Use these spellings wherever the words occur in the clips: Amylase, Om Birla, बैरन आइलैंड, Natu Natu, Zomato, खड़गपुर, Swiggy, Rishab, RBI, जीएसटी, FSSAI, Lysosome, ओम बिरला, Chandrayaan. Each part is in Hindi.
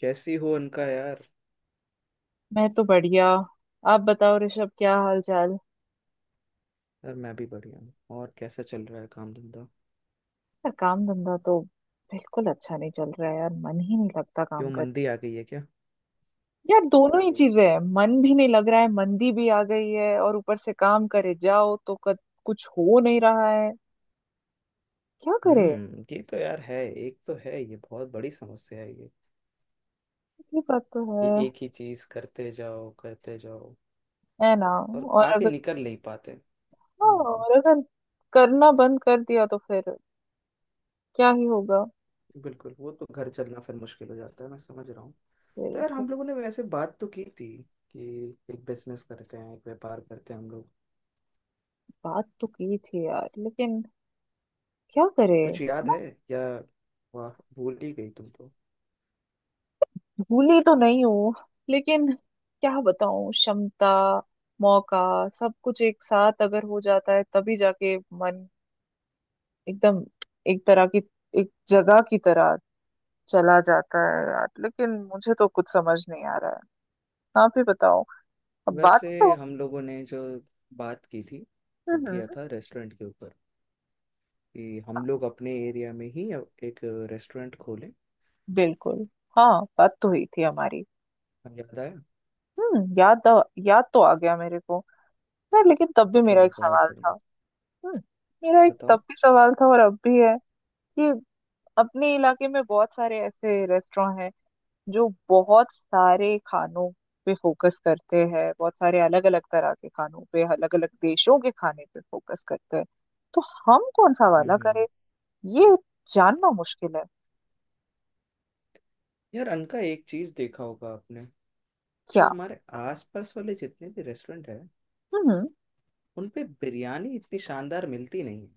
कैसी हो उनका यार। मैं तो बढ़िया। आप बताओ ऋषभ, क्या हाल चाल? यार मैं भी बढ़िया हूँ। और कैसा चल रहा है काम धंधा। यार काम धंधा तो बिल्कुल अच्छा नहीं चल रहा है यार, मन ही नहीं लगता काम क्यों कर। मंदी आ गई है क्या। यार दोनों ही चीजें हैं, मन भी नहीं लग रहा है, मंदी भी आ गई है और ऊपर से काम करे जाओ तो कुछ हो नहीं रहा है। क्या करे? हम्म, ये तो यार है। एक तो है ये बहुत बड़ी समस्या है ये। ये बात तो है। ये एक ही चीज करते जाओ है ना? और और आके अगर निकल नहीं पाते। हाँ, हम्म। और अगर करना बंद कर दिया तो फिर क्या ही होगा। बिल्कुल वो तो घर चलना फिर मुश्किल हो जाता है, मैं समझ रहा हूँ। तो यार बिल्कुल। हम लोगों ने वैसे बात तो की थी कि एक बिजनेस करते हैं, एक व्यापार करते हैं हम लोग। बात तो की थी यार, लेकिन क्या करे? कुछ याद है या वाह भूल ही गई तुम तो। भूली तो नहीं हूँ, लेकिन क्या बताऊँ, क्षमता, मौका, सब कुछ एक साथ अगर हो जाता है तभी जाके मन एकदम एक तरह की, एक जगह की तरह चला जाता है यार, लेकिन मुझे तो कुछ समझ नहीं आ रहा है। आप ही बताओ। अब वैसे बात तो... हम लोगों ने जो बात की थी वो हम्म, किया हम्म। था रेस्टोरेंट के ऊपर, कि हम लोग अपने एरिया में ही एक रेस्टोरेंट खोलें। बिल्कुल। हाँ, बात तो हुई थी हमारी। हाँ, याद आया। हम्म, याद याद तो आ गया मेरे को। यार लेकिन तब भी मेरा चलो एक बहुत सवाल था। बढ़िया। हम्म। मेरा एक बताओ। तब भी सवाल था और अब भी है। कि अपने इलाके में बहुत सारे ऐसे रेस्टोरेंट हैं जो बहुत सारे खानों पे फोकस करते हैं, बहुत सारे अलग अलग तरह के खानों पे, अलग अलग देशों के खाने पे फोकस करते हैं। तो हम कौन सा हम्म वाला करें? हम्म। ये जानना मुश्किल है। यार अनका एक चीज़ देखा होगा आपने। जो क्या? हमारे आसपास वाले जितने भी रेस्टोरेंट हैं हम्म। उन पे बिरयानी इतनी शानदार मिलती नहीं है।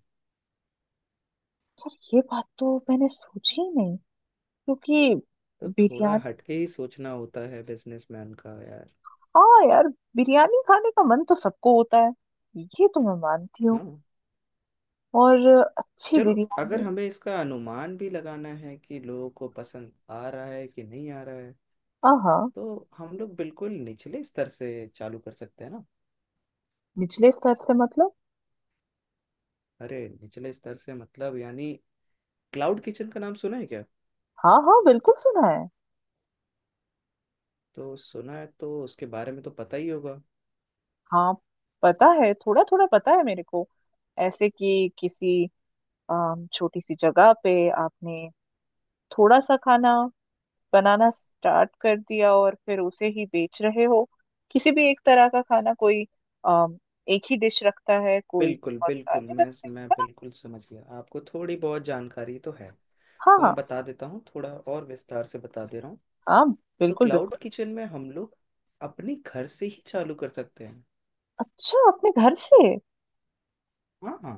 यार ये बात तो मैंने सोची ही नहीं, क्योंकि तो थोड़ा बिरयानी... हटके ही सोचना होता है बिजनेसमैन का यार। हाँ यार, बिरयानी खाने का मन तो सबको होता है, ये तो मैं मानती हूँ। हाँ। और अच्छी चलो, अगर बिरयानी... हमें इसका अनुमान भी लगाना है कि लोगों को पसंद आ रहा है कि नहीं आ रहा है हाँ हाँ। तो हम लोग बिल्कुल निचले स्तर से चालू कर सकते हैं ना। निचले स्तर से मतलब? अरे निचले स्तर से मतलब यानी क्लाउड किचन का नाम सुना है क्या। हाँ हाँ बिल्कुल सुना है। तो सुना है तो उसके बारे में तो पता ही होगा। हाँ, पता है, थोड़ा थोड़ा पता है मेरे को। ऐसे कि किसी छोटी सी जगह पे आपने थोड़ा सा खाना बनाना स्टार्ट कर दिया और फिर उसे ही बेच रहे हो। किसी भी एक तरह का खाना, कोई अम, एक ही डिश रखता है, कोई बिल्कुल बहुत बिल्कुल, सारे मैं मैं बिल्कुल समझ गया, आपको थोड़ी बहुत जानकारी तो है। हाँ तो हाँ। मैं बता देता हूँ, थोड़ा और विस्तार से बता दे रहा हूँ। हाँ तो बिल्कुल क्लाउड बिल्कुल। किचन में हम लोग अपने घर से ही चालू कर सकते हैं। अच्छा, अपने घर से? हाँ हाँ।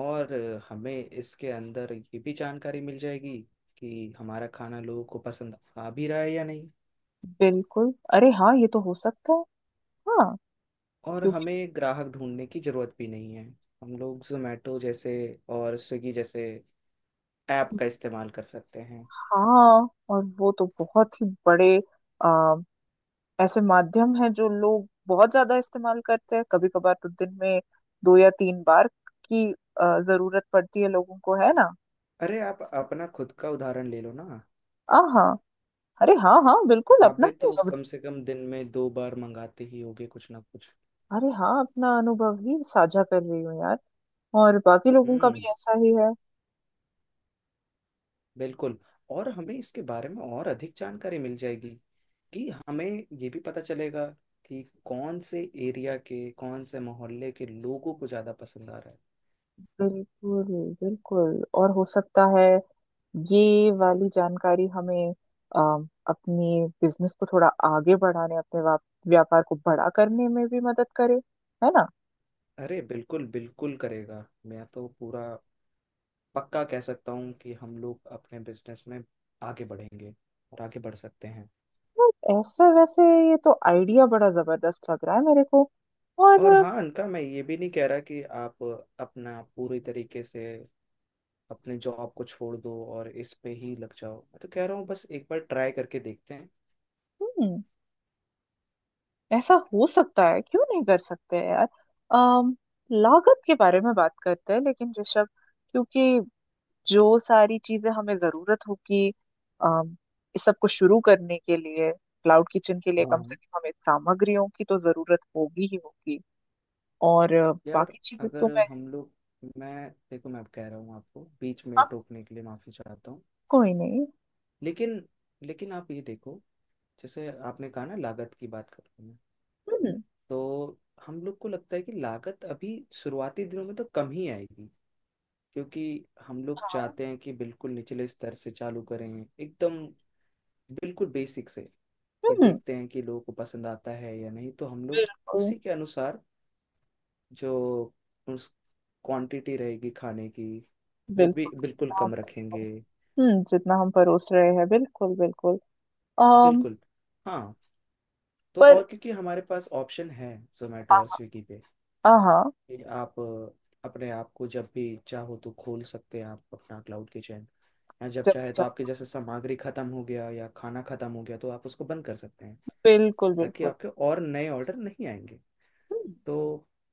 और हमें इसके अंदर ये भी जानकारी मिल जाएगी कि हमारा खाना लोगों को पसंद आ भी रहा है या नहीं। बिल्कुल, अरे हाँ ये तो हो सकता है। हाँ। और क्योंकि... हमें ग्राहक ढूंढने की जरूरत भी नहीं है। हम लोग जोमेटो जैसे और स्विगी जैसे ऐप का इस्तेमाल कर सकते हैं। हाँ, और वो तो बहुत ही बड़े ऐसे माध्यम हैं जो लोग बहुत ज्यादा इस्तेमाल करते हैं, कभी कभार तो दिन में दो या तीन बार की जरूरत पड़ती है लोगों को, है ना? अरे आप अपना खुद का उदाहरण ले लो ना। आ हाँ। अरे हाँ हाँ बिल्कुल, आप अपना भी तो ही कम से कम दिन में दो बार मंगाते ही होगे कुछ ना कुछ। अरे हाँ, अपना अनुभव ही साझा कर रही हूँ यार। और बाकी लोगों का हम्म, भी ऐसा ही है। बिल्कुल। और हमें इसके बारे में और अधिक जानकारी मिल जाएगी, कि हमें ये भी पता चलेगा कि कौन से एरिया के कौन से मोहल्ले के लोगों को ज़्यादा पसंद आ रहा है। बिल्कुल। बिल्कुल, और हो सकता है ये वाली जानकारी हमें अ, अपनी बिजनेस को थोड़ा आगे बढ़ाने, अपने व्यापार को बड़ा करने में भी मदद करे। है ना? अरे बिल्कुल बिल्कुल करेगा। मैं तो पूरा पक्का कह सकता हूँ कि हम लोग अपने बिजनेस में आगे बढ़ेंगे और आगे बढ़ सकते हैं। ऐसा वैसे, ये तो आइडिया बड़ा जबरदस्त लग रहा है मेरे को। और और... हाँ अनका, मैं ये भी नहीं कह रहा कि आप अपना पूरी तरीके से अपने जॉब को छोड़ दो और इस पे ही लग जाओ, मैं तो कह रहा हूँ बस एक बार ट्राई करके देखते हैं। हम्म। ऐसा हो सकता है, क्यों नहीं कर सकते हैं यार। अम लागत के बारे में बात करते हैं लेकिन ऋषभ, क्योंकि जो सारी चीजें हमें जरूरत होगी अम इस सब को शुरू करने के लिए, क्लाउड किचन के लिए, हाँ कम से हाँ। कम हमें सामग्रियों की तो जरूरत होगी ही होगी। और यार बाकी चीजें तो अगर मैं... हम लोग, मैं, देखो, मैं अब कह रहा हूँ, आपको बीच में हाँ। टोकने के लिए माफी चाहता हूँ। कोई नहीं। लेकिन, लेकिन आप ये देखो, जैसे आपने कहा ना, लागत की बात करते हैं। हम्म, तो हम लोग को लगता है कि लागत अभी शुरुआती दिनों में तो कम ही आएगी, क्योंकि हम लोग चाहते हैं कि बिल्कुल निचले स्तर से चालू करें, एकदम बिल्कुल बेसिक से। कि हम्म। देखते हैं कि लोगों को पसंद आता है या नहीं, तो हम लोग बिल्कुल उसी के अनुसार जो उस क्वांटिटी रहेगी खाने की वो भी बिल्कुल। बिल्कुल कम रखेंगे। हम्म, जितना हम परोस रहे हैं, बिल्कुल बिल्कुल। अम बिल्कुल। हाँ। तो पर... और क्योंकि हमारे पास ऑप्शन है जोमेटो और स्विगी पे, हाँ हाँ। कि आप अपने आप को जब भी चाहो तो खोल सकते हैं आप अपना क्लाउड किचन, या जब जब भी चाहे तो जाओ, आपके जैसे सामग्री खत्म हो गया या खाना खत्म हो गया तो आप उसको बंद कर सकते हैं, बिल्कुल ताकि बिल्कुल। आपके और नए ऑर्डर नहीं आएंगे। हम्म। तो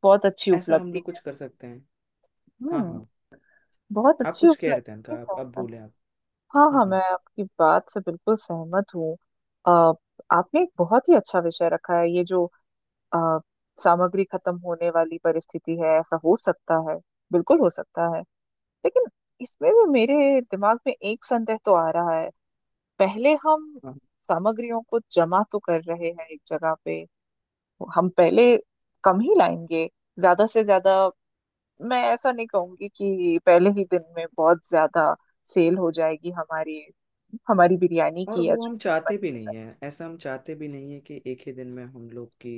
बहुत अच्छी ऐसा हम उपलब्धि लोग कुछ है। कर सकते हैं। हाँ हम्म। हाँ। बहुत आप अच्छी कुछ कह रहे थे उपलब्धि इनका, आप है। अब बोले आप। हाँ हाँ, हम्म। मैं आपकी बात से बिल्कुल सहमत हूँ। अ, आपने एक बहुत ही अच्छा विषय रखा है, ये जो अ, सामग्री खत्म होने वाली परिस्थिति है, ऐसा हो सकता है, बिल्कुल हो सकता है। लेकिन इसमें भी मेरे दिमाग में एक संदेह तो आ रहा है। पहले हम हाँ, सामग्रियों को जमा तो कर रहे हैं एक जगह पे। हम पहले कम ही लाएंगे, ज्यादा से ज्यादा। मैं ऐसा नहीं कहूंगी कि पहले ही दिन में बहुत ज्यादा सेल हो जाएगी हमारी, हमारी बिरयानी और की या वो जो हम भी चाहते भी बनना नहीं चाहिए। है, ऐसा हम चाहते भी नहीं है कि एक ही दिन में हम लोग की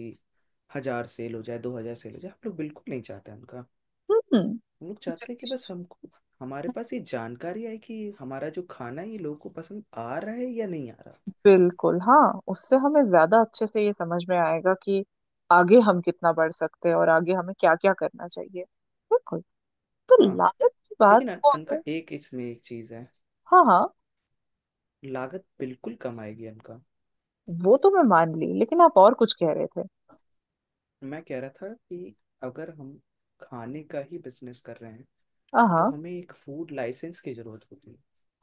हजार सेल हो जाए, 2,000 सेल हो जाए, हम लोग बिल्कुल नहीं चाहते हैं। हम्म। हम लोग चाहते हैं कि बस हमको, हमारे पास ये जानकारी आए कि हमारा जो खाना है ये लोगों को पसंद आ रहा है या नहीं आ रहा। बिल्कुल। हाँ, उससे हमें ज्यादा अच्छे से ये समझ में आएगा कि आगे हम कितना बढ़ सकते हैं और आगे हमें क्या क्या करना चाहिए। बिल्कुल। तो हाँ लागत की लेकिन बात को अनका अगर... एक इसमें एक चीज़ है। हाँ हाँ, लागत बिल्कुल कम आएगी अनका। वो तो मैं मान ली, लेकिन आप और कुछ कह रहे थे। मैं कह रहा था कि अगर हम खाने का ही बिजनेस कर रहे हैं तो हाँ हमें एक फूड लाइसेंस की जरूरत होती है,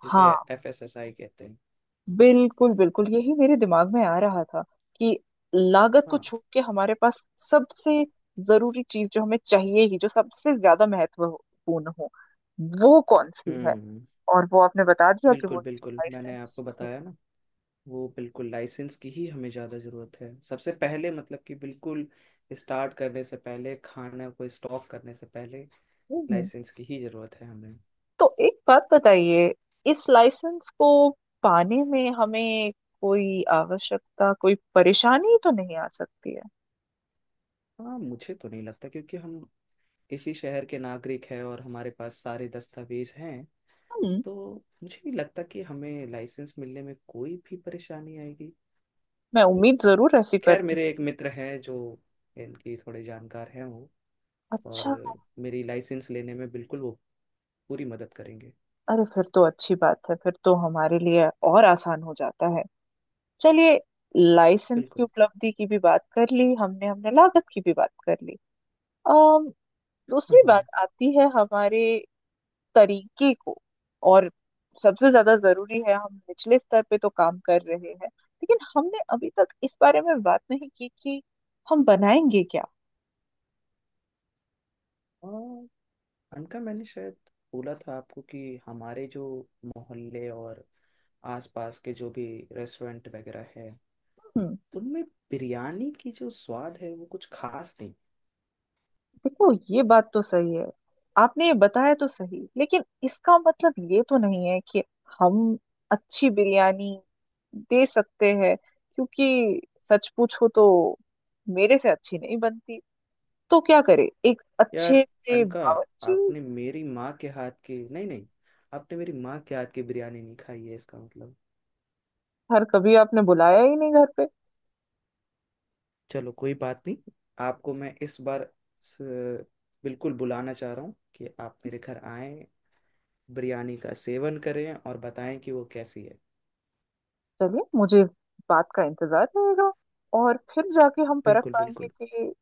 जिसे हाँ, एफएसएसआई कहते हैं। बिल्कुल बिल्कुल, यही मेरे दिमाग में आ रहा था, कि लागत को हाँ। छोड़ के हमारे पास सबसे जरूरी चीज जो हमें चाहिए ही, जो सबसे ज्यादा महत्वपूर्ण हो, वो कौन सी है। हम्म। और वो आपने बता दिया कि वो बिल्कुल बिल्कुल, मैंने आपको लाइसेंस है। बताया ना। वो बिल्कुल लाइसेंस की ही हमें ज़्यादा ज़रूरत है सबसे पहले, मतलब कि बिल्कुल स्टार्ट करने से पहले, खाना को स्टॉक करने से पहले हम्म, लाइसेंस की ही ज़रूरत है हमें। तो एक बात बताइए, इस लाइसेंस को पाने में हमें कोई आवश्यकता, कोई परेशानी तो नहीं आ सकती है? हाँ मुझे तो नहीं लगता, क्योंकि हम इसी शहर के नागरिक हैं और हमारे पास सारे दस्तावेज हैं। हम्म। तो मुझे नहीं लगता कि हमें लाइसेंस मिलने में कोई भी परेशानी आएगी। मैं उम्मीद जरूर ऐसी खैर करती। मेरे एक मित्र हैं जो इनकी थोड़े जानकार हैं वो। और अच्छा। मेरी लाइसेंस लेने में बिल्कुल वो पूरी मदद करेंगे। अरे फिर तो अच्छी बात है, फिर तो हमारे लिए और आसान हो जाता है। चलिए, लाइसेंस की बिल्कुल। उपलब्धि की भी बात कर ली हमने, हमने लागत की भी बात कर ली। अम दूसरी हाँ बात आती है हमारे तरीके को। और सबसे ज्यादा जरूरी है, हम निचले स्तर पे तो काम कर रहे हैं लेकिन हमने अभी तक इस बारे में बात नहीं की कि हम बनाएंगे क्या। हाँ, उनका मैंने शायद बोला था आपको कि हमारे जो मोहल्ले और आसपास के जो भी रेस्टोरेंट वगैरह है हम्म, उनमें बिरयानी की जो स्वाद है वो कुछ खास नहीं। देखो ये बात तो सही है। आपने ये बताया तो सही, लेकिन इसका मतलब ये तो नहीं है कि हम अच्छी बिरयानी दे सकते हैं। क्योंकि सच पूछो तो मेरे से अच्छी नहीं बनती, तो क्या करे? एक यार अच्छे से अनका, बावर्ची... आपने मेरी माँ के हाथ की, नहीं नहीं, आपने मेरी माँ के हाथ की बिरयानी नहीं खाई है इसका मतलब। हर कभी आपने बुलाया ही नहीं घर पे। चलो कोई बात नहीं। आपको मैं इस बार स- बिल्कुल बुलाना चाह रहा हूँ कि आप मेरे घर आएं, बिरयानी का सेवन करें और बताएं कि वो कैसी है। चलिए, मुझे इस बात का इंतजार रहेगा, और फिर जाके हम परख बिल्कुल पाएंगे बिल्कुल। कि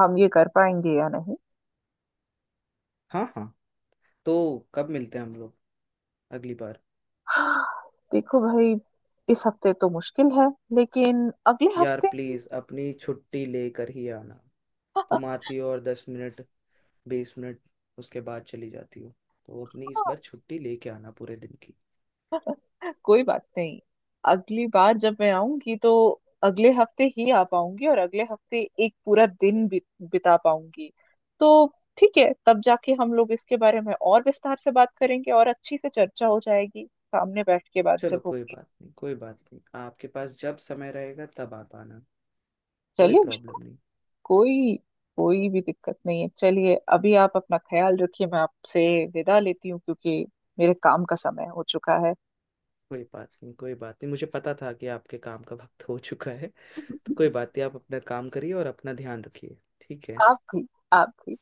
हम ये कर पाएंगे या नहीं। हाँ हाँ। तो कब मिलते हैं हम लोग अगली बार। देखो भाई, इस हफ्ते तो मुश्किल है, लेकिन अगले यार हफ्ते... प्लीज अपनी छुट्टी लेकर ही आना। तुम आती हो और 10 मिनट, 20 मिनट, उसके बाद चली जाती हो। तो अपनी इस हाँ, बार छुट्टी लेके आना पूरे दिन की। कोई बात नहीं, अगली बार जब मैं आऊंगी तो अगले हफ्ते ही आ पाऊंगी, और अगले हफ्ते एक पूरा दिन बिता पाऊंगी। तो ठीक है, तब जाके हम लोग इसके बारे में और विस्तार से बात करेंगे और अच्छी से चर्चा हो जाएगी, सामने बैठ के बात चलो जब कोई होगी। बात नहीं, कोई बात नहीं, आपके पास जब समय रहेगा तब आप आना। कोई चलिए, प्रॉब्लम बिल्कुल। नहीं। कोई कोई भी दिक्कत नहीं है। चलिए, अभी आप अपना ख्याल रखिए, मैं आपसे विदा लेती हूँ, क्योंकि मेरे काम का समय हो चुका है। कोई बात नहीं, कोई बात नहीं, मुझे पता था कि आपके काम का वक्त हो चुका है। तो कोई बात नहीं, आप अपना काम करिए और अपना ध्यान रखिए। ठीक है। आप थी। आप थी।